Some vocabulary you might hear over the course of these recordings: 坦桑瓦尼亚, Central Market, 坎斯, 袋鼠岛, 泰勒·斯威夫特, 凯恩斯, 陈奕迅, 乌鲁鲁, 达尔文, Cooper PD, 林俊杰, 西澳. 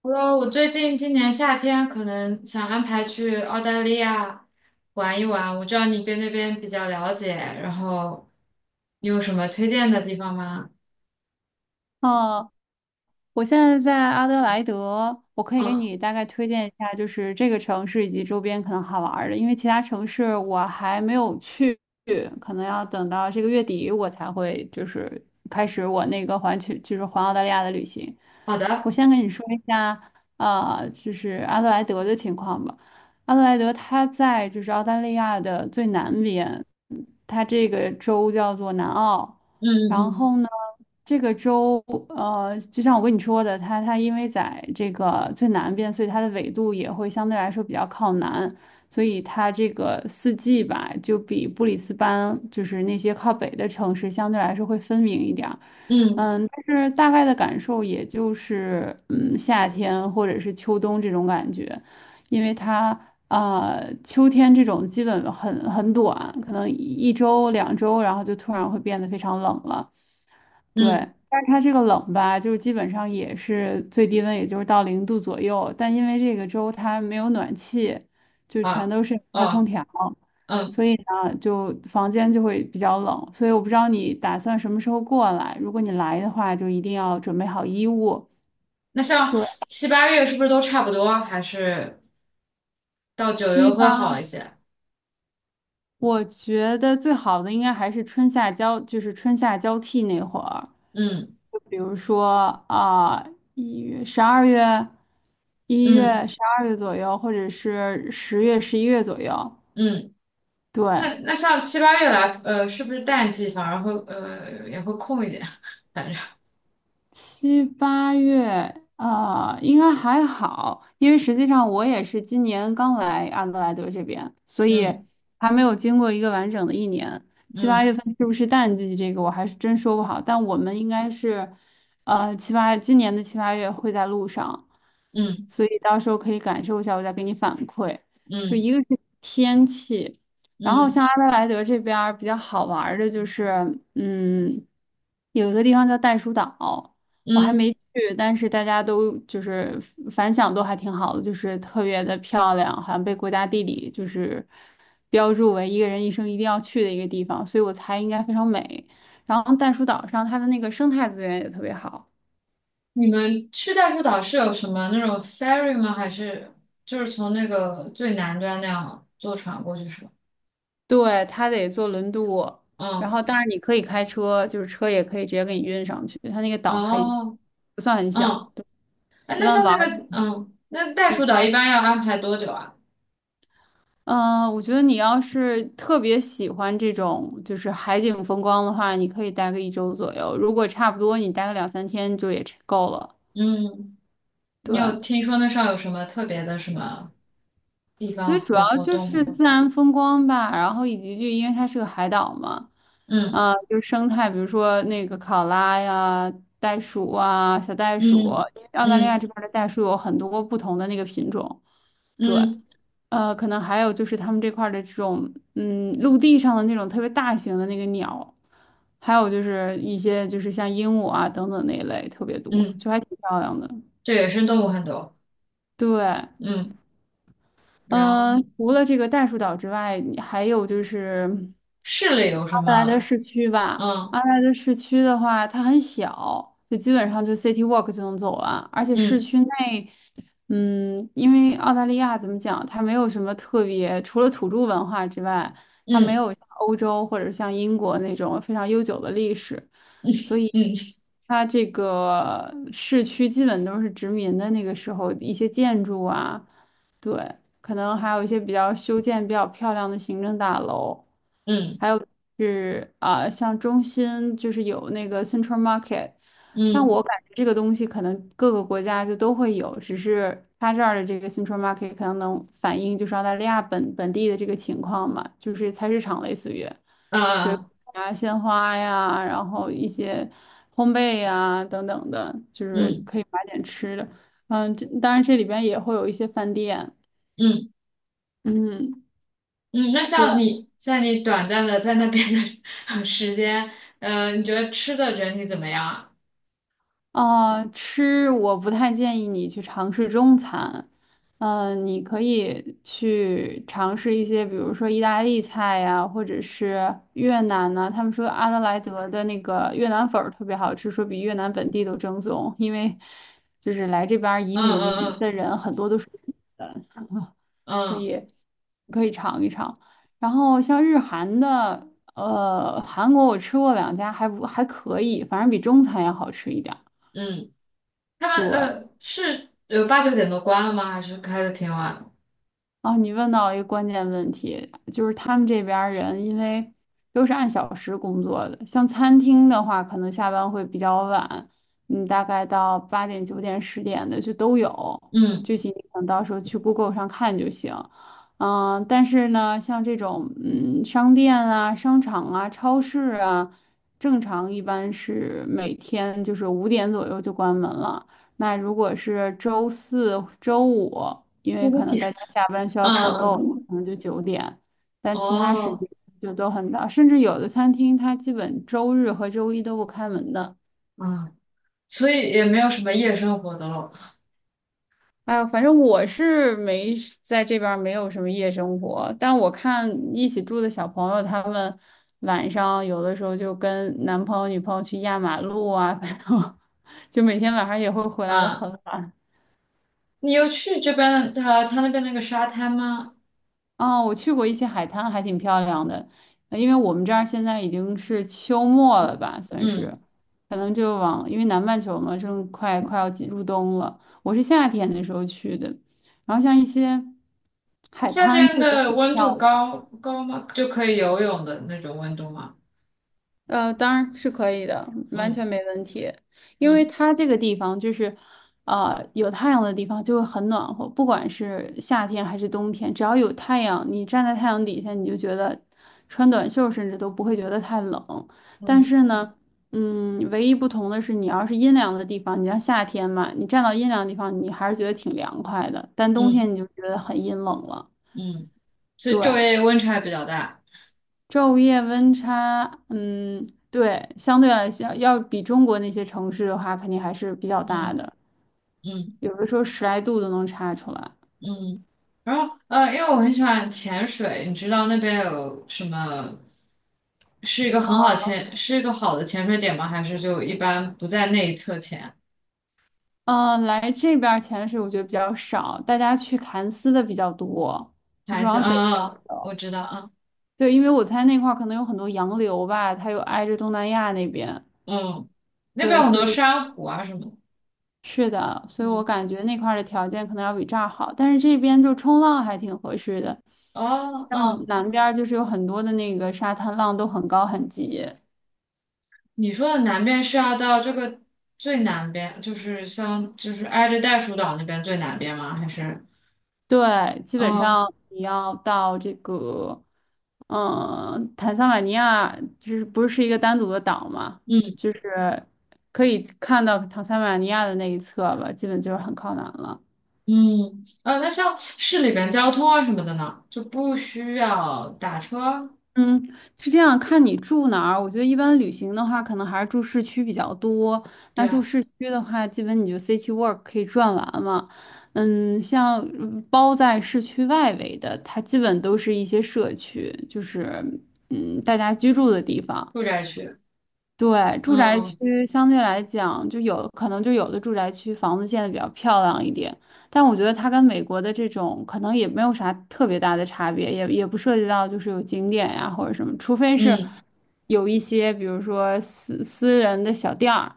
我最近今年夏天可能想安排去澳大利亚玩一玩，我知道你对那边比较了解，然后你有什么推荐的地方吗？哦，我现在在阿德莱德，我可以给嗯，你大概推荐一下，就是这个城市以及周边可能好玩儿的，因为其他城市我还没有去，可能要等到这个月底我才会就是开始我那个环球，就是环澳大利亚的旅行。好我的，先跟你说一下，就是阿德莱德的情况吧。阿德莱德它在就是澳大利亚的最南边，它这个州叫做南澳。嗯然嗯后呢，这个州，就像我跟你说的，它因为在这个最南边，所以它的纬度也会相对来说比较靠南，所以它这个四季吧，就比布里斯班就是那些靠北的城市相对来说会分明一点儿。嗯嗯，但是大概的感受也就是，夏天或者是秋冬这种感觉，因为它啊，秋天这种基本很短，可能一周两周，然后就突然会变得非常冷了。对，嗯，但是它这个冷吧，就是基本上也是最低温，也就是到零度左右。但因为这个州它没有暖气，就全啊，都是开空哦调，嗯，所以呢，就房间就会比较冷。所以我不知道你打算什么时候过来，如果你来的话，就一定要准备好衣物。那像对。七八月是不是都差不多？还是到九月七会好八一些？我觉得最好的应该还是春夏交，就是春夏交替那会儿，嗯就比如说啊，一月、十二月、一月、嗯十二月左右，或者是10月、11月左右。嗯，对，那像七八月来，是不是淡季反而会也会空一点？反正，七八月啊，应该还好，因为实际上我也是今年刚来阿德莱德这边，所以嗯还没有经过一个完整的一年。七八嗯月份是不是淡季？这个我还是真说不好，但我们应该是，今年的七八月会在路上，嗯所以到时候可以感受一下，我再给你反馈。就嗯。一个是天气，然后像嗯阿德莱德这边儿比较好玩儿的就是，有一个地方叫袋鼠岛。我还没嗯，去，但是大家都就是反响都还挺好的，就是特别的漂亮，好像被国家地理就是标注为一个人一生一定要去的一个地方，所以我猜应该非常美。然后袋鼠岛上它的那个生态资源也特别好，你们去袋鼠岛是有什么那种 ferry 吗？还是就是从那个最南端那样坐船过去是吧？对，它得坐轮渡，然嗯，后当然你可以开车，就是车也可以直接给你运上去，它那个岛还哦，不算很小，嗯，哎，一那般像玩那儿个，那袋你鼠岛一说。般要安排多久啊？我觉得你要是特别喜欢这种就是海景风光的话，你可以待个一周左右。如果差不多，你待个两三天就也差够了。嗯，你对，有听说那上有什么特别的什么地我方觉得主和要活就动是吗？自然风光吧，然后以及就因为它是个海岛嘛，嗯啊、就是生态，比如说那个考拉呀、袋鼠啊、小袋鼠，嗯因为澳大利亚嗯这边的袋鼠有很多不同的那个品种，嗯可能还有就是他们这块儿的这种，陆地上的那种特别大型的那个鸟，还有就是一些就是像鹦鹉啊等等那一类特别多，嗯，就还挺漂亮的。这野生动物很多。对，嗯，然后嗯、除了这个袋鼠岛之外，还有就是市里有什阿德莱德么？市区吧。阿嗯德莱德市区的话，它很小，就基本上就 City Walk 就能走完，而且市嗯区内，因为澳大利亚怎么讲，它没有什么特别，除了土著文化之外，它没嗯有像欧洲或者像英国那种非常悠久的历史，嗯所以。嗯它这个市区基本都是殖民的那个时候一些建筑啊，对，可能还有一些比较修建比较漂亮的行政大楼，嗯。还有是啊、像中心就是有那个 Central Market,但我嗯感觉这个东西可能各个国家就都会有，只是它这儿的这个 Central Market 可能能反映就是澳大利亚本地的这个情况嘛，就是菜市场类似于呃啊鲜花呀，然后一些烘焙呀等等的，就是嗯可以买点吃的。这当然这里边也会有一些饭店，嗯嗯。嗯，那对。像你短暂的在那边的 时间，嗯，你觉得吃的整体怎么样啊？啊，吃我不太建议你去尝试中餐，你可以去尝试一些，比如说意大利菜呀，或者是越南呐、他们说阿德莱德的那个越南粉儿特别好吃，说比越南本地都正宗，因为就是来这边儿移嗯民的嗯人很多都是越南人，嗯所嗯以可以尝一尝。然后像日韩的，韩国我吃过两家，还不还可以，反正比中餐要好吃一点儿。嗯，他们对。是八九点都关了吗？还是开的挺晚的？啊，你问到了一个关键问题，就是他们这边儿人因为都是按小时工作的，像餐厅的话，可能下班会比较晚，大概到8点、九点、10点的就都有，嗯，具体你等到时候去 Google 上看就行。但是呢，像这种商店啊、商场啊、超市啊，正常一般是每天就是5点左右就关门了。那如果是周四、周五，因为五可能大点。家下班需要采购，嗯可能就九点，但其他时哦间就都很早，甚至有的餐厅它基本周日和周一都不开门的。嗯，所以也没有什么夜生活的咯。哎呦，反正我是没在这边儿没有什么夜生活，但我看一起住的小朋友他们晚上有的时候就跟男朋友、女朋友去压马路啊，反正 就每天晚上也会回来的很啊，晚。你有去这边的他那边那个沙滩吗？哦，我去过一些海滩，还挺漂亮的。因为我们这儿现在已经是秋末了吧，算是，嗯。可能就往，因为南半球嘛，正快要进入冬了。我是夏天的时候去的，然后像一些。夏天的温度像高高吗？就可以游泳的那种温度吗？当然是可以的，完嗯全没问题。因为嗯它这个地方就是，有太阳的地方就会很暖和，不管是夏天还是冬天，只要有太阳，你站在太阳底下，你就觉得穿短袖甚至都不会觉得太冷。但嗯是呢，唯一不同的是，你要是阴凉的地方，你像夏天嘛，你站到阴凉的地方，你还是觉得挺凉快的，但冬天嗯你就觉得很阴冷了。嗯，是昼对，夜温差比较大。昼夜温差，嗯，对，相对来讲，要比中国那些城市的话，肯定还是比较大嗯的，嗯有的时候十来度都能差出来。嗯。然后因为我很喜欢潜水，你知道那边有什么是一个很好潜，是一个好的潜水点吗？还是就一般不在内侧潜？嗯、来这边儿潜水我觉得比较少，大家去坎斯的比较多，就还是是往北嗯边儿嗯，我走。知道，对，因为我猜那块儿可能有很多洋流吧，它又挨着东南亚那边，嗯嗯，那边对，有很所多以珊瑚啊什么的。是的，所以我嗯感觉那块儿的条件可能要比这儿好，但是这边就冲浪还挺合适的。哦，像嗯。南边儿就是有很多的那个沙滩浪都很高很急，你说的南边是要到这个最南边，就是像就是挨着袋鼠岛那边最南边吗？还是？对，基本哦，上你要到这个，坦桑瓦尼亚就是不是一个单独的岛嘛，嗯就是可以看到坦桑瓦尼亚的那一侧吧，基本就是很靠南了。嗯，那像市里边交通啊什么的呢，就不需要打车，嗯，是这样，看你住哪儿。我觉得一般旅行的话，可能还是住市区比较多。那对，住市区的话，基本你就 city walk 可以转完嘛。像包在市区外围的，它基本都是一些社区，就是大家居住的地方。住宅区。对，住宅嗯区相对来讲，就有可能就有的住宅区房子建的比较漂亮一点，但我觉得它跟美国的这种可能也没有啥特别大的差别，也不涉及到就是有景点呀或者什么，除非是嗯有一些比如说私人的小店儿，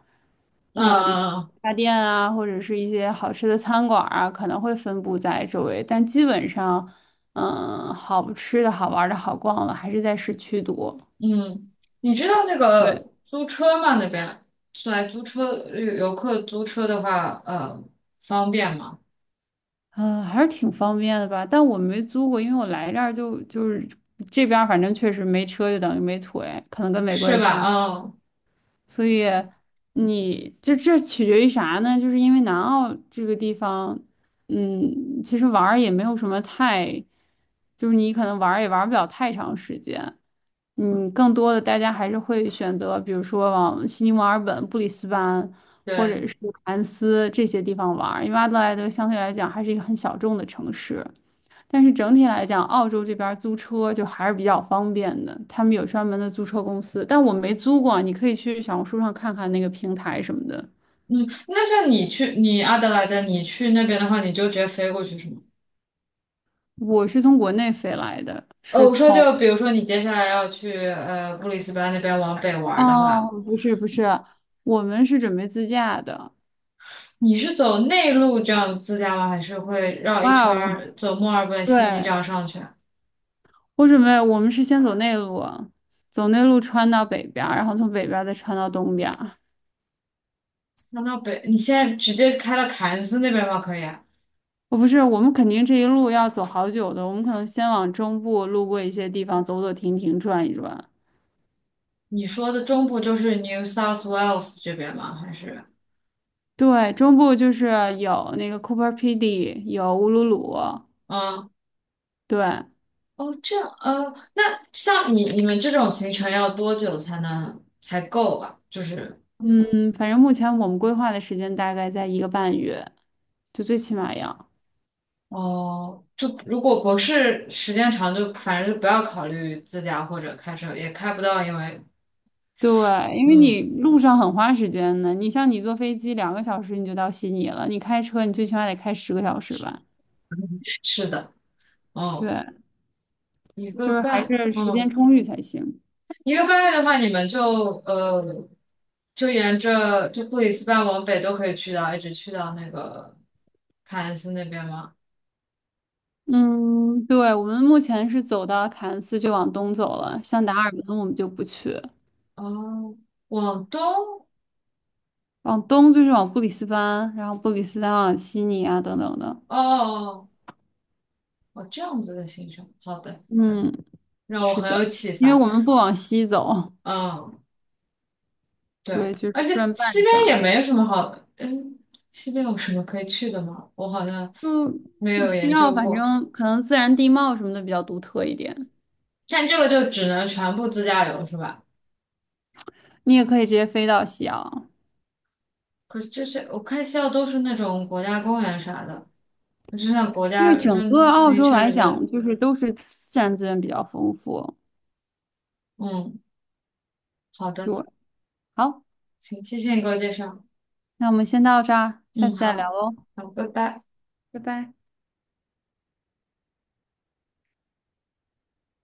理那发店啊，或者是一些好吃的餐馆儿啊，可能会分布在周围，但基本上，好吃的好玩儿的好逛的还是在市区多。嗯，你知道那对，个租车吗？那边来租车，游客租车的话，方便吗？嗯，还是挺方便的吧，但我没租过，因为我来这儿就是这边，反正确实没车就等于没腿，可能跟美国是也差。吧？嗯，所以你就这取决于啥呢？就是因为南澳这个地方，其实玩儿也没有什么太，就是你可能玩儿也玩儿不了太长时间。更多的大家还是会选择，比如说往悉尼、墨尔本、布里斯班或者对。是凯恩斯这些地方玩儿，因为阿德莱德相对来讲还是一个很小众的城市。但是整体来讲，澳洲这边儿租车就还是比较方便的，他们有专门的租车公司，但我没租过，你可以去小红书上看看那个平台什么的。嗯，那像你去阿德莱德，你去那边的话，你就直接飞过去是吗？我是从国内飞来的，是我说从，就比如说你接下来要去布里斯班那边往北玩儿的话，哦，不是不是，我们是准备自驾的。你是走内陆这样自驾吗？还是会绕一哇圈哦，儿走墨尔本、对，悉尼这样上去啊？我准备，我们是先走内陆，走内陆穿到北边儿，然后从北边儿再穿到东边儿。那到北，你现在直接开到凯恩斯那边吗？可以啊？我不是，我们肯定这一路要走好久的，我们可能先往中部路过一些地方，走走停停，转一转。你说的中部就是 New South Wales 这边吗？还是对，中部就是有那个 Cooper PD，有乌鲁鲁，啊？对，哦，这样，那像你们这种行程要多久才能才够吧？就是嗯，反正目前我们规划的时间大概在1个半月，就最起码要。哦，就如果不是时间长就，反正就不要考虑自驾或者开车，也开不到，因为对，因为嗯，你路上很花时间的，你像你坐飞机2个小时你就到悉尼了，你开车你最起码得开10个小时吧？是的，嗯，对，一就个是还半，是时间嗯，充裕才行。一个半月的话，你们呃，就沿着就布里斯班往北都可以去到，一直去到那个凯恩斯那边吗？嗯，对，我们目前是走到凯恩斯就往东走了，像达尔文我们就不去。哦，往东，往东就是往布里斯班，然后布里斯班往悉尼啊等等的。哦，哦，哦这样子的行程，好的，嗯，让我是很的，有启因为发，我们不往西走，嗯。对，对，就是而且转半西圈边也儿。没什么好，嗯，西边有什么可以去的吗？我好像没就有西研澳，究反过。正可能自然地貌什么的比较独特一点。但这个就只能全部自驾游是吧？你也可以直接飞到西澳，可是这些我看西澳都是那种国家公园啥的，就像国因为家就整个澳那洲确来实 讲，就是都是自然资源比较丰富。嗯，好对，的，好，行，谢谢你给我介绍。那我们先到这儿，下嗯，次再好，聊喽，好，拜拜。拜拜。